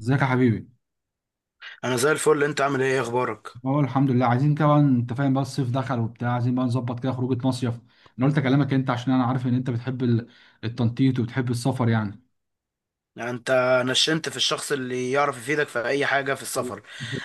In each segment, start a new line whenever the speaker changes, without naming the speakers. ازيك يا حبيبي؟
انا زي الفل. انت عامل إيه اخبارك؟
اه، الحمد لله. عايزين كمان، انت فاهم بقى، الصيف دخل وبتاع، عايزين بقى نظبط كده خروجه مصيف. انا قلت اكلمك انت عشان انا عارف ان انت بتحب التنطيط وبتحب السفر يعني.
يعني انت نشنت في الشخص اللي يعرف يفيدك في اي حاجه في السفر.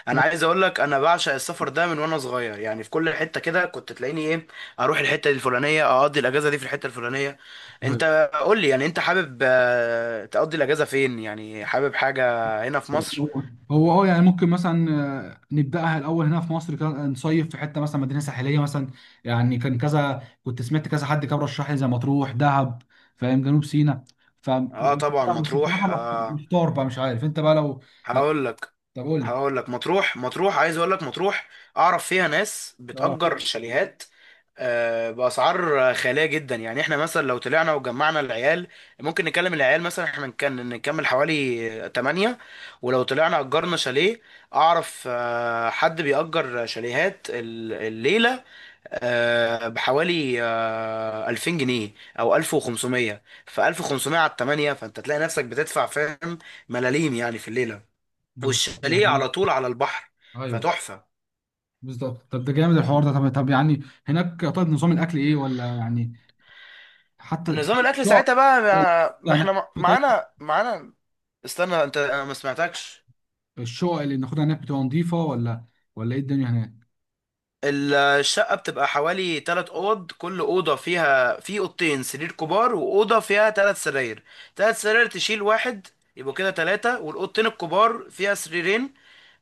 انا
هو
عايز اقول لك، انا بعشق السفر ده من وانا صغير. يعني في كل حته كده كنت تلاقيني ايه، اروح الحته دي الفلانيه، اقضي الاجازه دي في الحته الفلانيه. انت قول لي، يعني انت حابب تقضي الاجازه فين؟ يعني حابب حاجه هنا في مصر؟
هو اه يعني ممكن مثلا، نبداها الاول هنا في مصر كده، نصيف في حته مثلا، مدينه ساحليه مثلا. يعني كان كذا، كنت سمعت كذا، حد كان رشح لي زي مطروح دهب، فاهم، جنوب سيناء. ف
اه طبعا،
بس بصراحه
مطروح. آه
محتار بقى، مش عارف انت بقى لو
هقول لك
طب قول لي.
هقول لك مطروح، عايز اقول لك، مطروح اعرف فيها ناس
اه،
بتأجر شاليهات. بأسعار خيالية جدا. يعني احنا مثلا لو طلعنا وجمعنا العيال، ممكن نكلم العيال مثلا، احنا نكمل حوالي 8. ولو طلعنا أجرنا شاليه، أعرف حد بيأجر شاليهات الليلة بحوالي 2000 جنيه أو 1500. ف 1500 على 8، فأنت تلاقي نفسك بتدفع، فاهم، ملاليم يعني في الليلة.
بالظبط، ده
والشاليه
حقيقة.
على طول على البحر،
ايوه،
فتحفة.
بالظبط. طب ده جامد الحوار ده. طب يعني هناك، طيب، نظام الاكل ايه ولا يعني؟ حتى
نظام الاكل
الشقق،
ساعتها بقى، ما
يعني
احنا
طيب.
معانا. استنى انت، انا ما سمعتكش.
الشقق اللي بناخدها هناك بتبقى نظيفه، ولا ايه الدنيا هناك؟
الشقه بتبقى حوالي 3 اوض، كل اوضه فيها، في 2 سرير كبار واوضه فيها 3 سراير. 3 سراير تشيل واحد، يبقوا كده ثلاثه، والاوضتين الكبار فيها 2 سرير.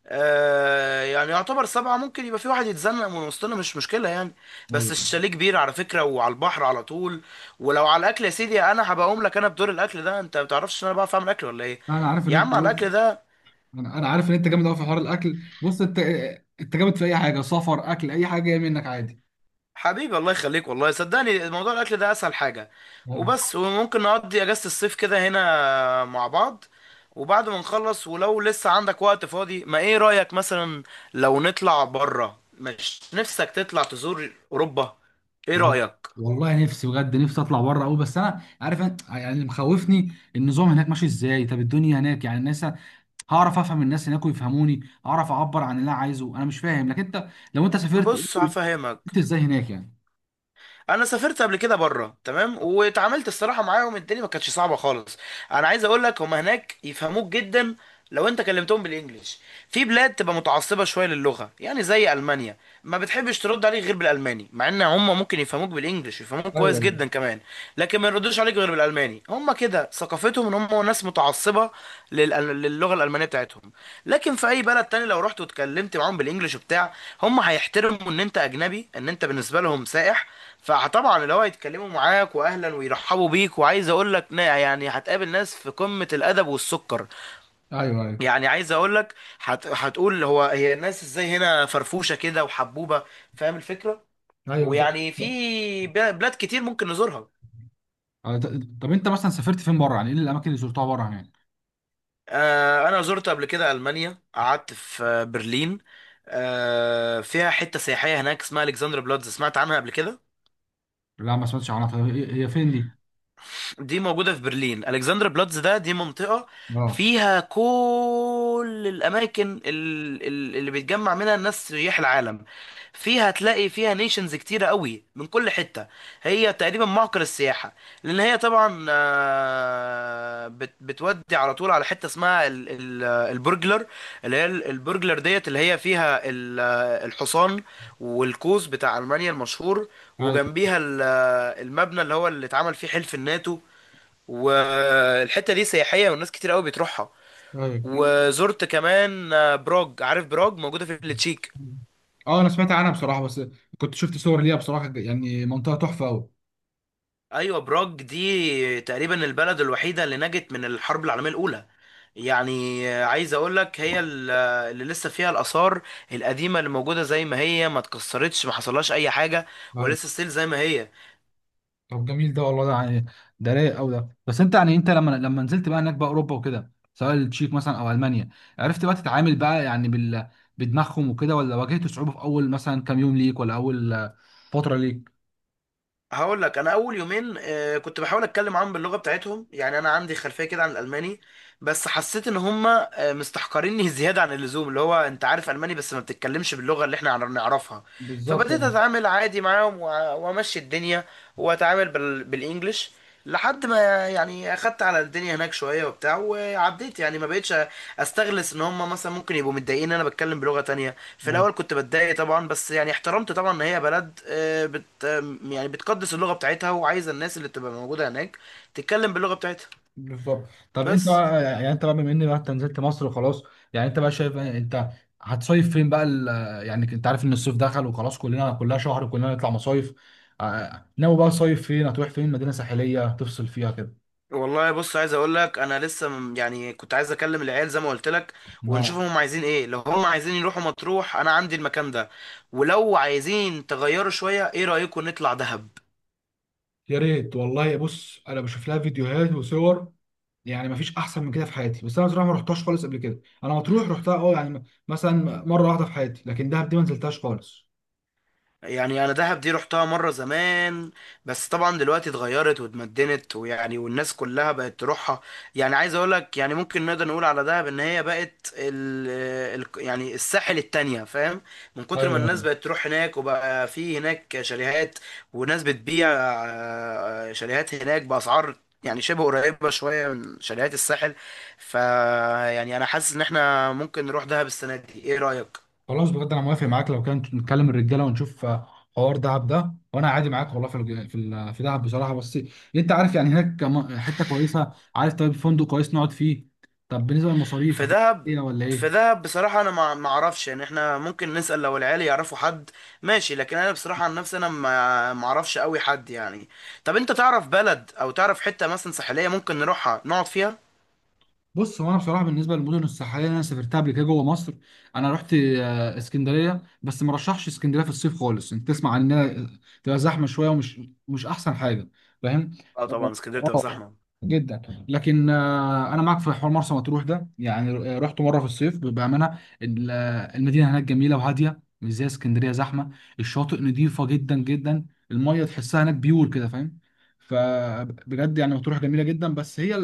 آه، يعني يعتبر 7. ممكن يبقى في واحد يتزنق من وسطنا، مش مشكلة يعني. بس
ايوه،
الشاليه كبير على فكرة، وعلى البحر على طول. ولو على الأكل، يا سيدي أنا هبقى أقوم لك، أنا بدور الأكل ده. أنت ما بتعرفش إن أنا بعرف أعمل أكل ولا إيه؟
انا عارف ان
يا عم
انت
على الأكل ده،
انا عارف ان انت جامد قوي في حوار الاكل. بص انت، انت جامد في اي حاجه، سفر، اكل، اي حاجه جايه منك عادي.
حبيبي الله يخليك، والله صدقني موضوع الأكل ده أسهل حاجة
والله،
وبس. وممكن نقضي أجازة الصيف كده هنا مع بعض. وبعد ما نخلص، ولو لسه عندك وقت فاضي، ما إيه رأيك مثلا لو نطلع بره؟ مش نفسك تطلع تزور أوروبا؟ إيه
وال-
رأيك؟
والله نفسي بجد، نفسي اطلع بره قوي. بس انا عارف يعني اللي مخوفني النظام هناك ماشي ازاي. طب الدنيا هناك يعني الناس، هعرف افهم الناس هناك ويفهموني؟ اعرف اعبر عن اللي انا عايزه؟ انا مش فاهم. لكن انت، لو انت سافرت،
بص هفهمك.
انت ازاي هناك يعني؟
انا سافرت قبل كده بره، تمام، واتعاملت الصراحه معاهم، الدنيا ما كانتش صعبه خالص. انا عايز اقول لك، هم هناك يفهموك جدا لو انت كلمتهم بالانجلش. في بلاد تبقى متعصبه شويه للغه، يعني زي المانيا، ما بتحبش ترد عليك غير بالالماني، مع ان هم ممكن يفهموك بالانجلش، يفهموك كويس
ايوه،
جدا كمان. لكن ما يردوش عليك غير بالالماني. الالماني هم كده ثقافتهم، ان هم ناس متعصبه للغه الالمانيه بتاعتهم. لكن في اي بلد تاني، لو رحت واتكلمت معاهم بالانجلش وبتاع، هم هيحترموا ان انت اجنبي، ان انت بالنسبه لهم سائح. فطبعا اللي هو هيتكلموا معاك، واهلا ويرحبوا بيك، وعايز اقول لك، يعني هتقابل ناس في قمه الادب والسكر.
ايوه. ايوه،
يعني عايز اقول لك، هتقول هو هي الناس ازاي هنا فرفوشه كده وحبوبه، فاهم الفكره.
ايوه، بالظبط.
ويعني في بلاد كتير ممكن نزورها.
آه، ط- طب انت مثلا سافرت فين بره، يعني ايه الاماكن اللي زرتها بره هناك؟
انا زرت قبل كده المانيا، قعدت في برلين. فيها حته سياحيه هناك اسمها الكسندر بلاتز، سمعت عنها قبل كده؟
لا، ما سمعتش عنها. طب هي فين دي؟
دي موجودة في برلين. ألكسندر بلاتز ده دي منطقة
اه.
فيها كل الأماكن اللي بيتجمع منها الناس سياح العالم. فيها هتلاقي فيها نيشنز كتيرة قوي من كل حتة. هي تقريبا معقل السياحة. لأن هي طبعا، بتودي على طول على حتة اسمها البرجلر، اللي هي البرجلر ديت، اللي هي فيها الحصان والقوس بتاع ألمانيا المشهور.
ايوه،
وجنبيها المبنى اللي هو اللي اتعمل فيه حلف الناتو. والحته دي سياحيه والناس كتير قوي بتروحها.
ايوه.
مم. وزرت كمان براج. عارف براج موجوده في التشيك؟
اه، انا سمعت عنها بصراحه، بس كنت شفت صور ليها بصراحه، يعني منطقه تحفه قوي.
ايوه، براج دي تقريبا البلد الوحيده اللي نجت من الحرب العالميه الاولى. يعني عايز اقول لك، هي اللي لسه فيها الاثار القديمه اللي موجوده زي ما هي، ما اتكسرتش، ما حصلهاش اي حاجه، ولسه ستيل زي ما هي.
طب جميل ده والله، ده يعني ده رايق قوي ده. بس انت، يعني انت لما نزلت بقى هناك بقى اوروبا وكده، سواء التشيك مثلا او المانيا، عرفت بقى تتعامل بقى يعني بدماغهم وكده، ولا واجهت صعوبة في اول مثلا كام يوم ليك، ولا اول فترة ليك؟
هقول لك، انا اول 2 يوم كنت بحاول اتكلم معاهم باللغه بتاعتهم، يعني انا عندي خلفيه كده عن الالماني. بس حسيت ان هم مستحقريني زياده عن اللزوم، اللي هو انت عارف الماني بس ما بتتكلمش باللغه اللي احنا نعرفها.
بالظبط،
فبديت
اه.
اتعامل عادي معاهم، وامشي الدنيا، واتعامل بالانجلش، لحد ما يعني اخدت على الدنيا هناك شويه وبتاع، وعديت. يعني ما بقتش استغلس ان هم مثلا ممكن يبقوا متضايقين ان انا بتكلم بلغه تانية. في
أيوة،
الاول كنت بتضايق طبعا، بس يعني احترمت طبعا ان هي بلد آه، بت آه، يعني بتقدس اللغه بتاعتها، وعايزه الناس اللي تبقى موجوده هناك تتكلم باللغه بتاعتها.
بالظبط. طب انت
بس
بقى، يعني انت بقى، بما ان بقى انت نزلت مصر وخلاص، يعني انت بقى شايف إيه؟ انت هتصيف فين بقى يعني انت عارف ان الصيف دخل وخلاص، كلنا كلها شهر كلنا نطلع مصايف. ناوي بقى صيف فين؟ هتروح فين؟ مدينة ساحلية تفصل فيها
والله بص، عايز اقول لك، انا يعني كنت عايز اكلم العيال زي ما قلت لك،
كده؟
ونشوفهم هم عايزين ايه. لو هم عايزين يروحوا مطروح، انا عندي المكان ده، ولو عايزين تغيروا شويه، ايه رايكم نطلع دهب؟
يا ريت والله. بص انا بشوف لها فيديوهات وصور، يعني ما فيش احسن من كده في حياتي. بس انا بصراحه ما رحتهاش خالص قبل كده. انا مطروح رحتها، اه يعني مثلا مره واحده في حياتي، لكن دهب دي ما نزلتهاش خالص.
يعني انا دهب دي رحتها مره زمان، بس طبعا دلوقتي اتغيرت واتمدنت، ويعني والناس كلها بقت تروحها. يعني عايز اقول لك، يعني ممكن نقدر نقول على دهب ان هي بقت ال ال يعني الساحل التانية، فاهم؟ من كتر
ايوه،
ما الناس
ايوه.
بقت تروح هناك، وبقى في هناك شاليهات وناس بتبيع شاليهات هناك باسعار يعني شبه قريبة شوية من شاليهات الساحل. ف يعني أنا حاسس إن إحنا ممكن نروح دهب السنة دي، إيه رأيك؟
خلاص بجد، انا موافق معاك. لو كان نتكلم الرجاله ونشوف، حوار دهب ده، وانا عادي معاك والله في في في دهب بصراحه. بس انت عارف يعني هناك حته كويسه، عارف طيب فندق كويس نقعد فيه؟ طب بالنسبه للمصاريف
في
هتبقى
دهب،
ايه ولا
في
ايه؟
دهب بصراحة أنا ما أعرفش. يعني إحنا ممكن نسأل لو العيال يعرفوا حد، ماشي، لكن أنا بصراحة عن نفسي أنا ما أعرفش أوي حد يعني. طب أنت تعرف بلد، أو تعرف حتة مثلا ساحلية ممكن نروحها نقعد فيها؟
بص هو انا بصراحه بالنسبه للمدن الساحليه اللي انا سافرتها قبل كده جوه مصر، انا رحت اسكندريه. بس ما رشحش اسكندريه في الصيف خالص، انت تسمع عن انها تبقى زحمه شويه، ومش مش احسن حاجه، فاهم؟
أه طبعا، اسكندرية بتبقى
اه،
زحمة.
جدا. لكن انا معاك في حوار مرسى مطروح ده. يعني رحت مره في الصيف بامانه، المدينه هناك جميله وهاديه، مش زي اسكندريه زحمه. الشاطئ نظيفه جدا جدا، الميه تحسها هناك بيور كده، فاهم؟ فبجد يعني مطروح جميله جدا. بس هي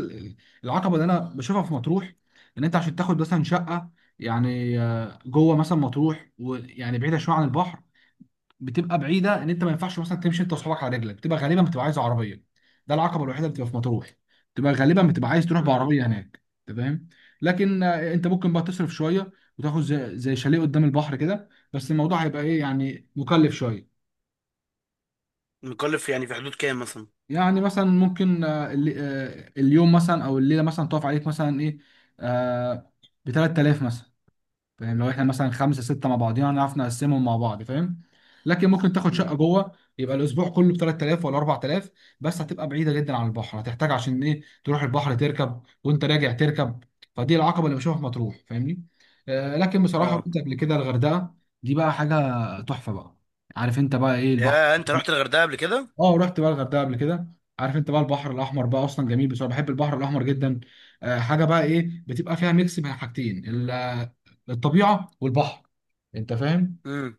العقبه اللي انا بشوفها في مطروح، ان انت عشان تاخد مثلا شقه، يعني جوه مثلا مطروح، ويعني بعيده شويه عن البحر، بتبقى بعيده. ان انت ما ينفعش مثلا تمشي انت واصحابك على رجلك، بتبقى غالبا بتبقى عايز عربيه. ده العقبه الوحيده اللي بتبقى في مطروح، بتبقى غالبا بتبقى عايز تروح
امم.
بعربيه هناك. أنت فاهم. لكن انت ممكن بقى تصرف شويه وتاخد زي شاليه قدام البحر كده، بس الموضوع هيبقى ايه يعني، مكلف شويه.
مكلف يعني في حدود كام مثلا؟
يعني مثلا ممكن اليوم مثلا او الليله مثلا تقف عليك مثلا ايه، آه ب 3000 مثلا، فاهم؟ لو احنا مثلا خمسه سته مع بعضينا هنعرف نقسمهم مع بعض، فاهم. لكن ممكن تاخد شقه
امم.
جوه، يبقى الاسبوع كله ب 3000 ولا 4000، بس هتبقى بعيده جدا عن البحر، هتحتاج عشان ايه تروح البحر، تركب وانت راجع تركب. فدي العقبه اللي بشوفها في مطروح، فاهمني؟ لكن بصراحه
أه.
رحت قبل كده الغردقه. دي بقى حاجه تحفه بقى. عارف انت بقى ايه البحر؟
يا أنت رحت الغردقة قبل كده؟
اه، رحت بقى الغردقه قبل كده. عارف انت بقى البحر الاحمر بقى اصلا جميل؟ بصراحه بحب البحر الاحمر جدا. حاجه بقى ايه، بتبقى فيها ميكس بين حاجتين، الطبيعه والبحر، انت فاهم
امم.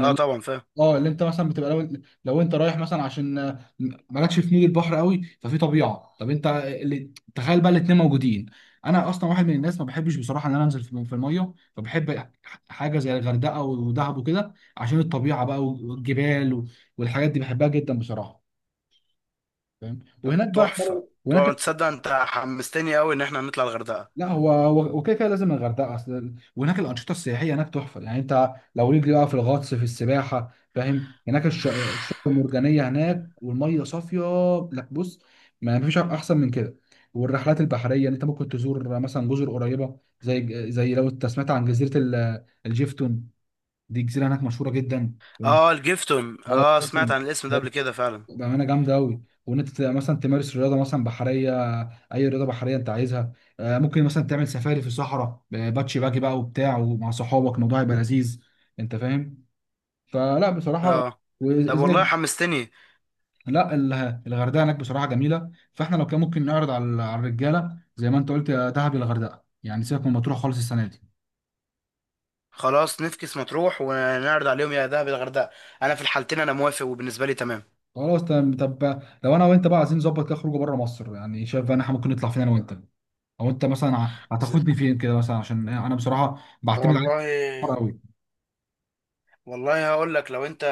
أه طبعا فاهم.
اه، اللي انت مثلا بتبقى لو انت رايح مثلا عشان مالكش في مود البحر قوي، ففي طبيعه. طب انت اللي تخيل بقى الاتنين موجودين. انا اصلا واحد من الناس ما بحبش بصراحه ان انا انزل في الميه، فبحب حاجه زي الغردقه ودهب وكده، عشان الطبيعه بقى والجبال والحاجات دي بحبها جدا بصراحه، فاهم.
طب
وهناك بقى حوار
تحفة. طبعا
وهناك.
تصدق أنت حمستني أوي إن إحنا نطلع الغردقة.
لا، هو وكده كده لازم الغردقه. اصل وهناك الانشطه السياحيه هناك تحفه، يعني انت لو ليك بقى في الغطس في السباحه، فاهم، هناك الشعاب المرجانيه هناك والميه صافيه. لا، بص، ما فيش احسن من كده. والرحلات البحريه اللي انت ممكن تزور مثلا جزر قريبه زي لو انت سمعت عن جزيره الجيفتون، دي جزيره هناك مشهوره جدا.
أه الجيفتون، أه سمعت عن الاسم ده
اه،
قبل كده فعلا.
بأمانة جامدة أوي، وإن أنت تبقى مثلا تمارس رياضة مثلا بحرية، أي رياضة بحرية أنت عايزها. ممكن مثلا تعمل سفاري في الصحراء، باتشي باجي بقى وبتاع، ومع صحابك الموضوع هيبقى لذيذ، أنت فاهم. فلا بصراحة.
اه. طب والله
وزي،
حمستني.
لا الغردقة هناك بصراحة جميلة. فإحنا لو كان ممكن نعرض على الرجالة زي ما أنت قلت، يا دهب يا الغردقة، يعني سيبك من مطروح خالص السنة دي.
خلاص نفكس مطروح ونعرض عليهم يا دهب يا الغردقه. انا في الحالتين انا موافق، وبالنسبه لي تمام.
خلاص تمام. طب لو أنا وأنت بقى عايزين نظبط كده خروجه بره مصر، يعني شايف بقى إن إحنا ممكن نطلع فين أنا وأنت؟ او انت مثلا
ز-
هتاخدني فين كده مثلا، عشان انا بصراحه بعتمد عليك كتير
والله،
قوي.
والله هقول لك، لو انت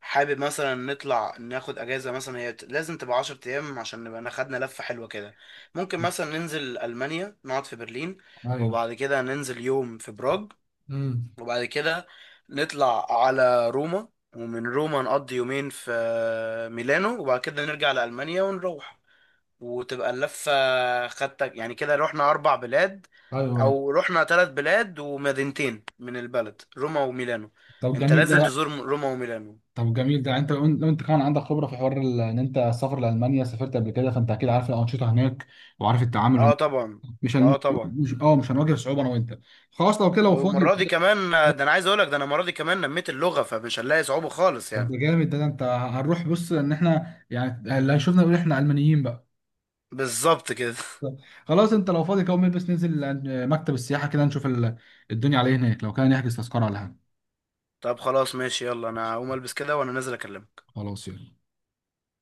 حابب مثلا نطلع ناخد اجازه مثلا، هي لازم تبقى 10 ايام عشان نبقى أنا خدنا لفه حلوه كده. ممكن مثلا ننزل المانيا، نقعد في برلين،
ايوه.
وبعد كده ننزل يوم في براغ،
امم.
وبعد كده نطلع على روما، ومن روما نقضي 2 يوم في ميلانو، وبعد كده نرجع لألمانيا ونروح، وتبقى اللفة خدتك. يعني كده رحنا 4 بلاد،
ايوه.
أو رحنا 3 بلاد ومدينتين من البلد، روما وميلانو.
طب
أنت
جميل
لازم
ده.
تزور روما وميلانو.
طب جميل ده، انت لو انت كمان عندك خبره في حوار ان انت السفر لالمانيا سافرت قبل كده، فانت اكيد عارف الانشطه هناك، وعارف التعامل
أه
هناك.
طبعا.
مش هن...
أه طبعا.
مش هنواجه صعوبه انا وانت. خلاص، لو كده لو فاضي.
والمرة دي كمان، ده أنا عايز أقولك، ده أنا المرة دي كمان نميت اللغة، فمش هنلاقي صعوبة خالص
طب
يعني.
ده جامد ده, انت هنروح. بص، ان احنا يعني اللي هيشوفنا يقول احنا المانيين بقى.
بالظبط كده.
خلاص، انت لو فاضي كده قوم البس، ننزل مكتب السياحه كده نشوف الدنيا عليه هناك، لو كان نحجز تذكره على.
طب خلاص ماشي، يلا أنا هقوم ألبس كده وأنا نازل أكلمك.
خلاص، يلا.